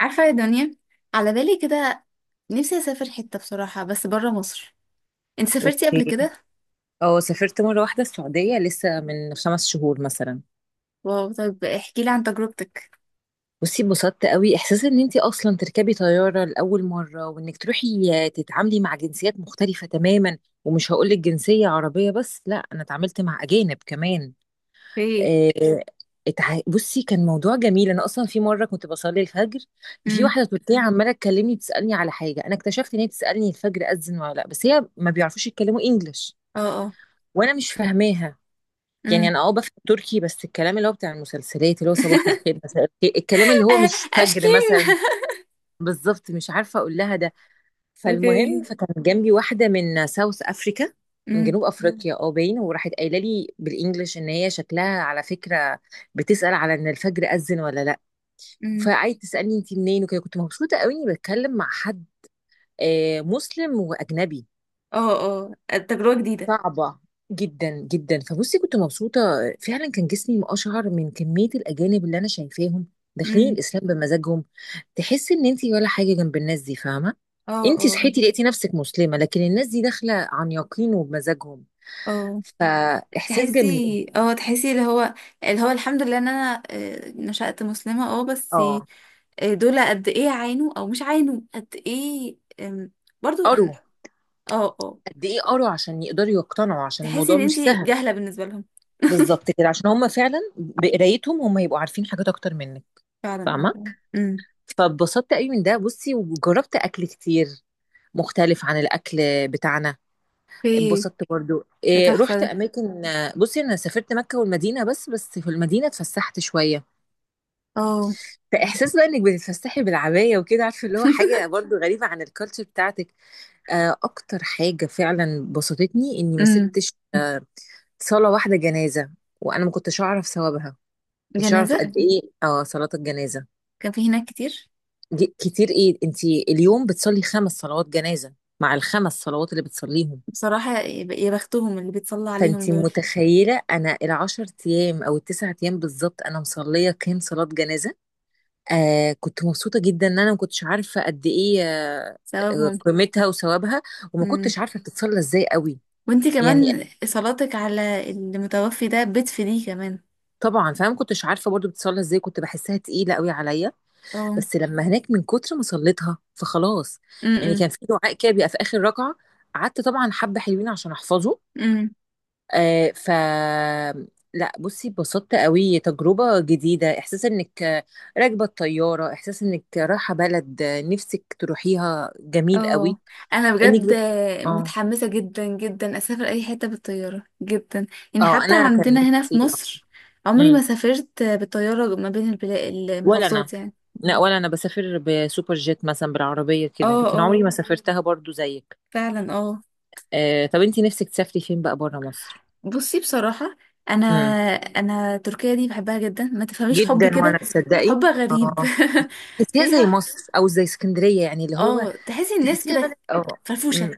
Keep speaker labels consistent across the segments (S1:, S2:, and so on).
S1: عارفة يا دنيا، على بالي كده. نفسي أسافر حتة بصراحة، بس برا مصر. انت سافرتي قبل
S2: اوكي.
S1: كده؟
S2: اه، سافرت مره واحده السعوديه لسه من 5 شهور مثلا.
S1: واو، طيب احكي لي عن تجربتك.
S2: بصي اتبسطت قوي، احساس ان انت اصلا تركبي طياره لاول مره، وانك تروحي تتعاملي مع جنسيات مختلفه تماما. ومش هقول لك جنسيه عربيه بس، لا، انا اتعاملت مع اجانب كمان.
S1: ايه.
S2: آه. بصي كان موضوع جميل، انا اصلا في مره كنت بصلي الفجر، ففي
S1: امم.
S2: واحده تركيه عماله تكلمني تسالني على حاجه. انا اكتشفت ان هي بتسالني الفجر اذن ولا لا، بس هي ما بيعرفوش يتكلموا انجلش.
S1: اه، اه.
S2: وانا مش فاهماها. يعني
S1: امم.
S2: انا بفهم تركي، بس الكلام اللي هو بتاع المسلسلات، اللي هو صباح الخير مساء الخير، الكلام اللي هو
S1: آه،
S2: مش فجر
S1: اشكيم.
S2: مثلا. بالظبط، مش عارفه اقول لها ده. فالمهم،
S1: اوكي.
S2: فكان جنبي واحده من ساوث افريكا، من
S1: امم.
S2: جنوب افريقيا، اه باين، وراحت قايله لي بالانجلش ان هي شكلها على فكره بتسال على ان الفجر اذن ولا لا.
S1: امم.
S2: فقعدت تسالني انت منين وكده. كنت مبسوطه قوي اني بتكلم مع حد مسلم واجنبي.
S1: اه، اه. تجربة جديدة.
S2: صعبة جدا جدا، فبصي كنت مبسوطة. فعلا كان جسمي أشهر من كمية الأجانب اللي أنا شايفاهم داخلين
S1: امم.
S2: الإسلام بمزاجهم. تحس إن أنتي ولا حاجة جنب الناس دي، فاهمة؟
S1: اه،
S2: أنتي
S1: اه،
S2: صحيتي لقيتي نفسك مسلمة، لكن الناس دي داخلة عن يقين وبمزاجهم،
S1: اه.
S2: فإحساس جميل.
S1: تحسي اللي هو الحمد لله ان انا نشأت مسلمة، اه، بس
S2: اه،
S1: دول قد ايه عانوا او مش عانوا قد ايه، برضو ان.
S2: قروا.
S1: اه، اه.
S2: قد إيه قروا عشان يقدروا يقتنعوا، عشان
S1: تحسي
S2: الموضوع
S1: ان
S2: مش
S1: انتي
S2: سهل.
S1: جاهلة بالنسبة لهم.
S2: بالظبط كده، عشان هم فعلا بقرايتهم هم يبقوا عارفين حاجات أكتر منك،
S1: فعلا
S2: فاهمة.
S1: والله. امم.
S2: فاتبسطت قوي من ده. بصي وجربت اكل كتير مختلف عن الاكل بتاعنا.
S1: اوكي.
S2: اتبسطت برضو
S1: ده
S2: إيه،
S1: تحفة
S2: رحت
S1: ده.
S2: اماكن. بصي انا سافرت مكة والمدينة، بس في المدينة اتفسحت شوية.
S1: اه.
S2: فاحساس بقى انك بتتفسحي بالعباية وكده، عارفة، اللي هو حاجة برضو غريبة عن الكالتشر بتاعتك. اكتر حاجة فعلا بسطتني اني ما
S1: امم.
S2: سبتش صلاة واحدة جنازة. وانا ما كنتش اعرف ثوابها. كنتش اعرف
S1: جنازة.
S2: قد ايه صلاة الجنازة.
S1: كان في هناك كتير.
S2: دي كتير، ايه انت اليوم بتصلي 5 صلوات جنازة مع الخمس صلوات اللي بتصليهم.
S1: بصراحة يا بختهم اللي بيتصلى عليهم
S2: فانتي
S1: دول.
S2: متخيلة، انا العشر ايام او التسع ايام بالظبط انا مصلية كام صلاة جنازة؟ كنت مبسوطة جدا ان انا ما كنتش عارفة قد ايه
S1: ثوابهم.
S2: قيمتها وثوابها. وما
S1: امم.
S2: كنتش عارفة بتتصلى ازاي قوي.
S1: وانتي
S2: يعني
S1: كمان صلاتك على المتوفي ده بتفيديه كمان.
S2: طبعا فانا ما كنتش عارفة برضو بتتصلى ازاي، كنت بحسها تقيلة قوي عليا.
S1: اه.
S2: بس لما هناك من كتر ما صليتها فخلاص. يعني كان
S1: امم.
S2: في دعاء كده بيبقى في اخر ركعة، قعدت طبعا حبة حلوين عشان احفظه. آه ف لا بصي اتبسطت قوي، تجربة جديدة، احساس انك راكبة الطيارة، احساس انك رايحة بلد نفسك تروحيها جميل قوي.
S1: اه. انا
S2: انك
S1: بجد
S2: بت... اه،
S1: متحمسه جدا جدا اسافر اي حته بالطياره جدا. يعني
S2: اه.
S1: حتى
S2: انا كان
S1: عندنا هنا في
S2: نفسي
S1: مصر عمري
S2: مم.
S1: ما سافرت بالطياره ما بين البلاد،
S2: ولا انا.
S1: المحافظات يعني.
S2: لا، ولا انا بسافر بسوبر جيت مثلا بالعربية
S1: اه،
S2: كده، لكن
S1: اه.
S2: عمري ما سافرتها برضو زيك.
S1: فعلا، اه.
S2: طب انتي نفسك تسافري فين بقى بره مصر؟
S1: بصي بصراحه. انا
S2: مم.
S1: انا تركيا دي بحبها جدا، ما تفهميش حب
S2: جدا،
S1: كده.
S2: وانا تصدقي
S1: حب غريب.
S2: اه تحسيها زي
S1: فيها.
S2: مصر او زي اسكندرية، يعني اللي هو
S1: اه، تحسي الناس
S2: تحسيها بلد
S1: كده فرفوشه،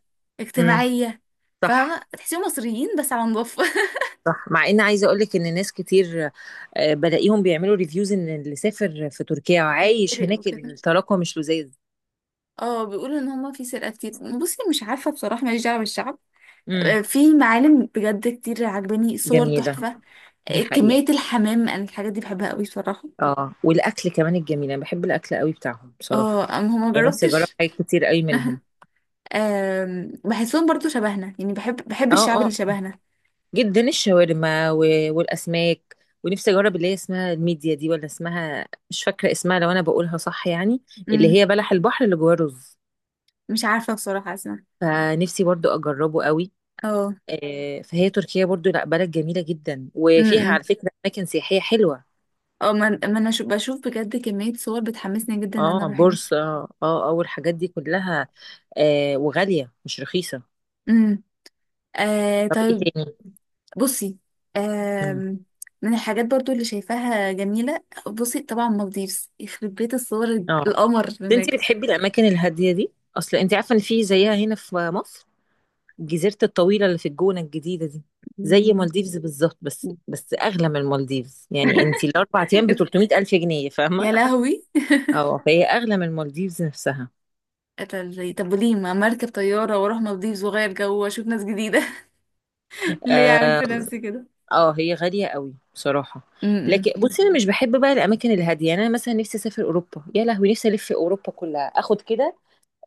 S2: امم.
S1: اجتماعيه.
S2: صح،
S1: فاهمه، تحسيهم مصريين بس على نضافه.
S2: صح، مع ان عايزه اقول لك ان ناس كتير بلاقيهم بيعملوا ريفيوز ان اللي سافر في تركيا وعايش
S1: يتفرق
S2: هناك
S1: وكده.
S2: التراكم مش لذيذ.
S1: اه، بيقولوا ان هما في سرقة كتير. بصي مش عارفة بصراحة، ماليش دعوة بالشعب.
S2: امم.
S1: في معالم بجد كتير عجباني، صور
S2: جميله.
S1: تحفة.
S2: دي حقيقه.
S1: كمية الحمام، انا الحاجات دي بحبها قوي بصراحة.
S2: اه، والاكل كمان الجميل، انا بحب الاكل قوي بتاعهم
S1: اه
S2: بصراحه.
S1: اما هما
S2: يعني نفسي اجرب
S1: جربتش.
S2: حاجات كتير قوي منهم.
S1: بحسهم برضو شبهنا، يعني بحب
S2: اه،
S1: الشعب اللي
S2: اه، آه.
S1: شبهنا.
S2: جدا، الشاورما والاسماك. ونفسي اجرب اللي هي اسمها الميديا دي، ولا اسمها، مش فاكره اسمها، لو انا بقولها صح يعني، اللي
S1: امم.
S2: هي بلح البحر اللي جواه رز.
S1: مش عارفة بصراحة، اسمع.
S2: فنفسي برضو اجربه قوي.
S1: اه.
S2: فهي تركيا برضو لا بلد جميلة جدا، وفيها
S1: امم.
S2: على فكرة أماكن سياحية حلوة.
S1: اه ما انا بشوف بجد كمية صور بتحمسني جدا ان انا
S2: اه،
S1: اروح هناك.
S2: بورصة، والحاجات دي كلها. وغالية مش رخيصة.
S1: امم. آه،
S2: طب ايه
S1: طيب.
S2: تاني؟
S1: بصي.
S2: مم.
S1: آم، من الحاجات برضو اللي شايفاها جميلة، بصي طبعا مالديفز يخرب بيت الصور.
S2: اه،
S1: القمر
S2: انت
S1: هناك.
S2: بتحبي الأماكن الهادية دي؟ أصل انت عارفة إن في زيها هنا في مصر، الجزيرة الطويلة اللي في الجونة الجديدة دي، زي
S1: مم.
S2: مالديفز بالظبط. بس أغلى من مالديفز، يعني انت الأربع أيام ب 300 ألف جنيه، فاهمة؟
S1: يا لهوي.
S2: اه، فهي أغلى من مالديفز نفسها.
S1: طب وليه ما مركب طيارة واروح مالديفز واغير جو واشوف ناس جديدة؟ ليه اعمل
S2: آه.
S1: في نفسي كده؟
S2: اه، هي غالية قوي بصراحة.
S1: امم.
S2: لكن بصي انا مش بحب بقى الاماكن الهادية، يعني انا مثلا نفسي اسافر اوروبا، يا لهوي نفسي الف في اوروبا كلها، اخد كده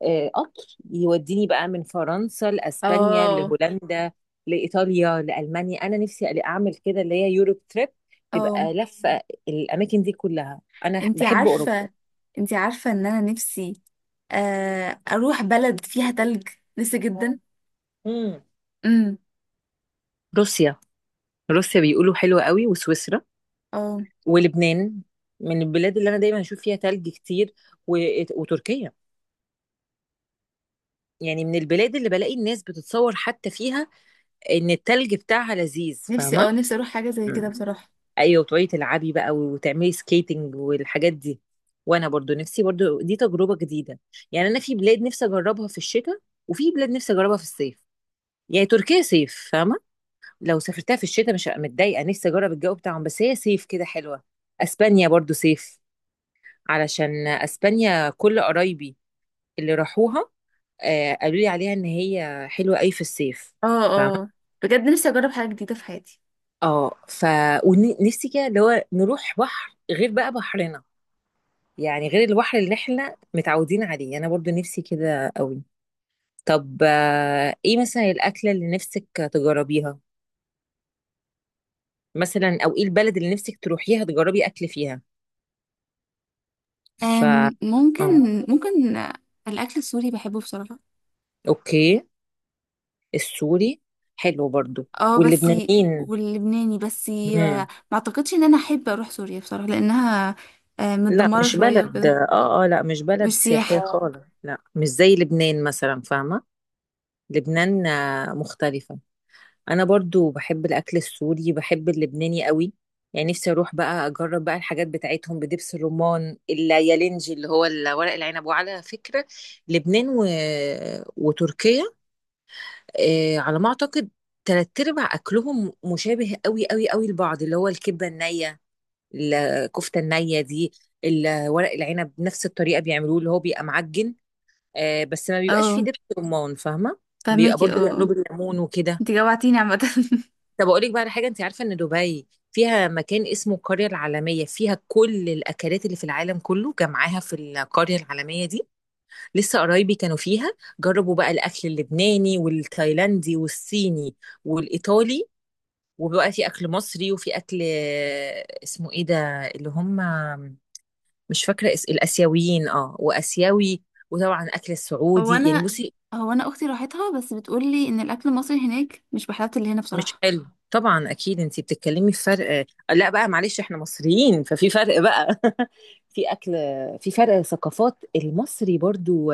S2: قطر يوديني بقى من فرنسا لاسبانيا
S1: اه،
S2: لهولندا لايطاليا لالمانيا. انا نفسي اعمل كده، اللي هي يوروب تريب،
S1: اه.
S2: تبقى لفة. الاماكن دي كلها انا
S1: انتي
S2: بحب اوروبا.
S1: عارفة انتي عارفة ان انا نفسي اروح بلد فيها تلج. نفسي جدا.
S2: مم.
S1: امم.
S2: روسيا، روسيا بيقولوا حلوة قوي، وسويسرا،
S1: اه،
S2: ولبنان، من البلاد اللي انا دايما اشوف فيها تلج كتير و... وتركيا. يعني من البلاد اللي بلاقي الناس بتتصور حتى فيها، ان التلج بتاعها لذيذ،
S1: نفسي
S2: فاهمه؟
S1: اه نفسي اروح حاجة زي
S2: مم.
S1: كده بصراحة.
S2: ايوه، وتقعدي تلعبي بقى وتعملي سكيتنج والحاجات دي. وانا برضو نفسي، برضو دي تجربه جديده. يعني انا في بلاد نفسي اجربها في الشتاء، وفي بلاد نفسي اجربها في الصيف. يعني تركيا صيف، فاهمه. لو سافرتها في الشتاء مش هبقى متضايقه، نفسي اجرب الجو بتاعهم، بس هي صيف كده حلوه. اسبانيا برضو صيف، علشان اسبانيا كل قرايبي اللي راحوها قالوا لي عليها ان هي حلوه قوي في الصيف،
S1: اه،
S2: فاهمه؟
S1: اه. بجد نفسي اجرب حاجه جديده في حياتي.
S2: اه ف ونفسي كده اللي هو نروح بحر غير بقى بحرنا، يعني غير البحر اللي احنا متعودين عليه، انا برضو نفسي كده قوي. طب ايه مثلا الاكله اللي نفسك تجربيها مثلا، او ايه البلد اللي نفسك تروحيها تجربي اكل فيها؟ ف
S1: ممكن
S2: اه
S1: ممكن. الاكل السوري بحبه بصراحه.
S2: اوكي. السوري حلو برضو.
S1: اه، بس.
S2: واللبنانيين.
S1: واللبناني بس.
S2: مم.
S1: ما اعتقدش ان انا احب اروح سوريا بصراحه لانها
S2: لا،
S1: متدمره
S2: مش
S1: شويه
S2: بلد،
S1: وكده.
S2: اه اه لا مش
S1: مش
S2: بلد سياحية
S1: سياحه.
S2: خالص، لا مش زي لبنان مثلا، فاهمة. لبنان مختلفة. انا برضو بحب الاكل السوري، بحب اللبناني قوي. يعني نفسي اروح بقى اجرب بقى الحاجات بتاعتهم، بدبس الرمان، اليالنجي اللي هو ورق العنب. وعلى فكرة لبنان وتركيا، على ما اعتقد تلات ارباع اكلهم مشابه قوي قوي قوي لبعض، اللي هو الكبة النية، الكفتة النية دي، ورق العنب، نفس الطريقة بيعملوه، اللي هو بيبقى معجن. بس ما بيبقاش فيه
S1: اه،
S2: دبس رمان، فاهمة. بيبقى
S1: فهميكي. اه،
S2: برضو بيعملوه
S1: آه.
S2: بالليمون وكده.
S1: انت جوعتيني عامه.
S2: طب اقول لك بقى على حاجه، انت عارفه ان دبي فيها مكان اسمه القريه العالميه، فيها كل الاكلات اللي في العالم كله جمعاها في القريه العالميه دي. لسه قرايبي كانوا فيها، جربوا بقى الاكل اللبناني والتايلاندي والصيني والايطالي. وبقى في اكل مصري، وفي اكل اسمه ايه ده، اللي هم، مش فاكره الاسيويين، واسيوي. وطبعا اكل
S1: هو
S2: السعودي، يعني
S1: انا
S2: بصي.
S1: هو انا اختي راحتها، بس بتقولي ان الاكل المصري هناك مش بحلاوه اللي هنا
S2: مش
S1: بصراحه.
S2: حلو طبعا، اكيد انتي بتتكلمي في فرق لا بقى معلش، احنا مصريين، ففي فرق بقى. في اكل، في فرق ثقافات. المصري برضو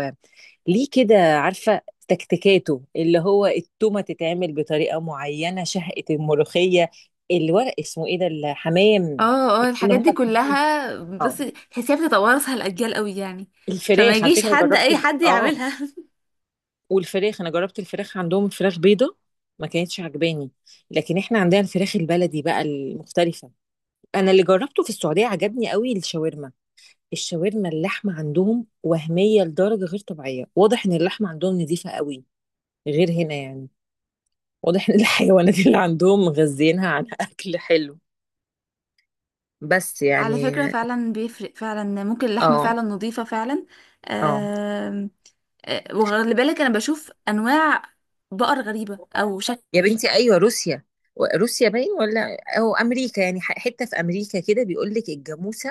S2: ليه كده، عارفه، تكتيكاته، اللي هو التومه تتعمل بطريقه معينه، شهقه، الملوخيه، الورق، اسمه ايه ده، الحمام.
S1: اه، اه،
S2: اللي
S1: الحاجات
S2: هم
S1: دي
S2: الحمام.
S1: كلها.
S2: اه.
S1: بس تحسيها بتتوارثها الأجيال قوي يعني. فما
S2: الفراخ على
S1: يجيش
S2: فكره
S1: حد أي
S2: جربت،
S1: حد
S2: اه.
S1: يعملها.
S2: والفراخ انا جربت الفراخ عندهم، فراخ بيضه، ما كانتش عجباني. لكن احنا عندنا الفراخ البلدي بقى المختلفه. انا اللي جربته في السعوديه عجبني قوي الشاورما. الشاورما، اللحمه عندهم وهميه لدرجه غير طبيعيه، واضح ان اللحمه عندهم نظيفه قوي، غير هنا يعني. واضح ان الحيوانات اللي عندهم مغذينها على اكل حلو، بس
S1: على
S2: يعني.
S1: فكرة فعلا بيفرق، فعلا ممكن اللحمة
S2: اه،
S1: فعلا نظيفة فعلا.
S2: اه.
S1: آم، وخلي بالك أنا بشوف أنواع بقر غريبة أو شكل.
S2: يا بنتي، ايوه، روسيا روسيا باين، ولا او امريكا، يعني حته في امريكا كده بيقول لك الجاموسه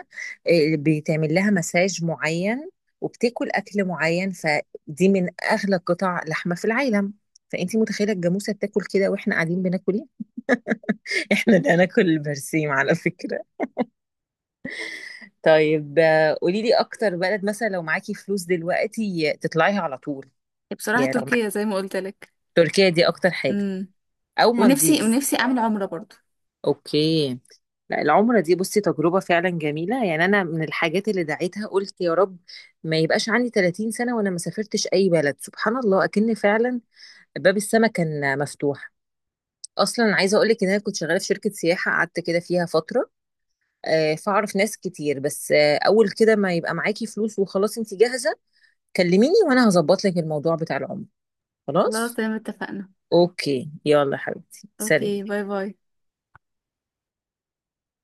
S2: بيتعمل لها مساج معين، وبتاكل اكل معين، فدي من اغلى قطع لحمه في العالم. فانتي متخيله الجاموسه بتاكل كده، واحنا قاعدين بناكل ايه؟ احنا ده ناكل البرسيم على فكره. طيب قولي لي اكتر بلد مثلا لو معاكي فلوس دلوقتي تطلعيها على طول.
S1: بصراحة
S2: يعني لو معاكي،
S1: تركيا زي ما قلت لك.
S2: تركيا دي اكتر حاجه،
S1: امم.
S2: او
S1: ونفسي
S2: مالديفز.
S1: ونفسي أعمل عمرة برضو.
S2: اوكي. لا العمرة دي بصي تجربة فعلا جميلة، يعني أنا من الحاجات اللي دعيتها قلت يا رب ما يبقاش عندي 30 سنة وأنا ما سافرتش أي بلد. سبحان الله، أكن فعلا باب السما كان مفتوح. أصلا عايزة أقولك إن أنا كنت شغالة في شركة سياحة، قعدت كده فيها فترة فأعرف ناس كتير. بس أول كده ما يبقى معاكي فلوس وخلاص أنت جاهزة، كلميني وأنا هظبط لك الموضوع بتاع العمرة.
S1: خلاص
S2: خلاص.
S1: تمام اتفقنا.
S2: أوكي، يلا حبيبتي،
S1: أوكي،
S2: سلام.
S1: باي باي.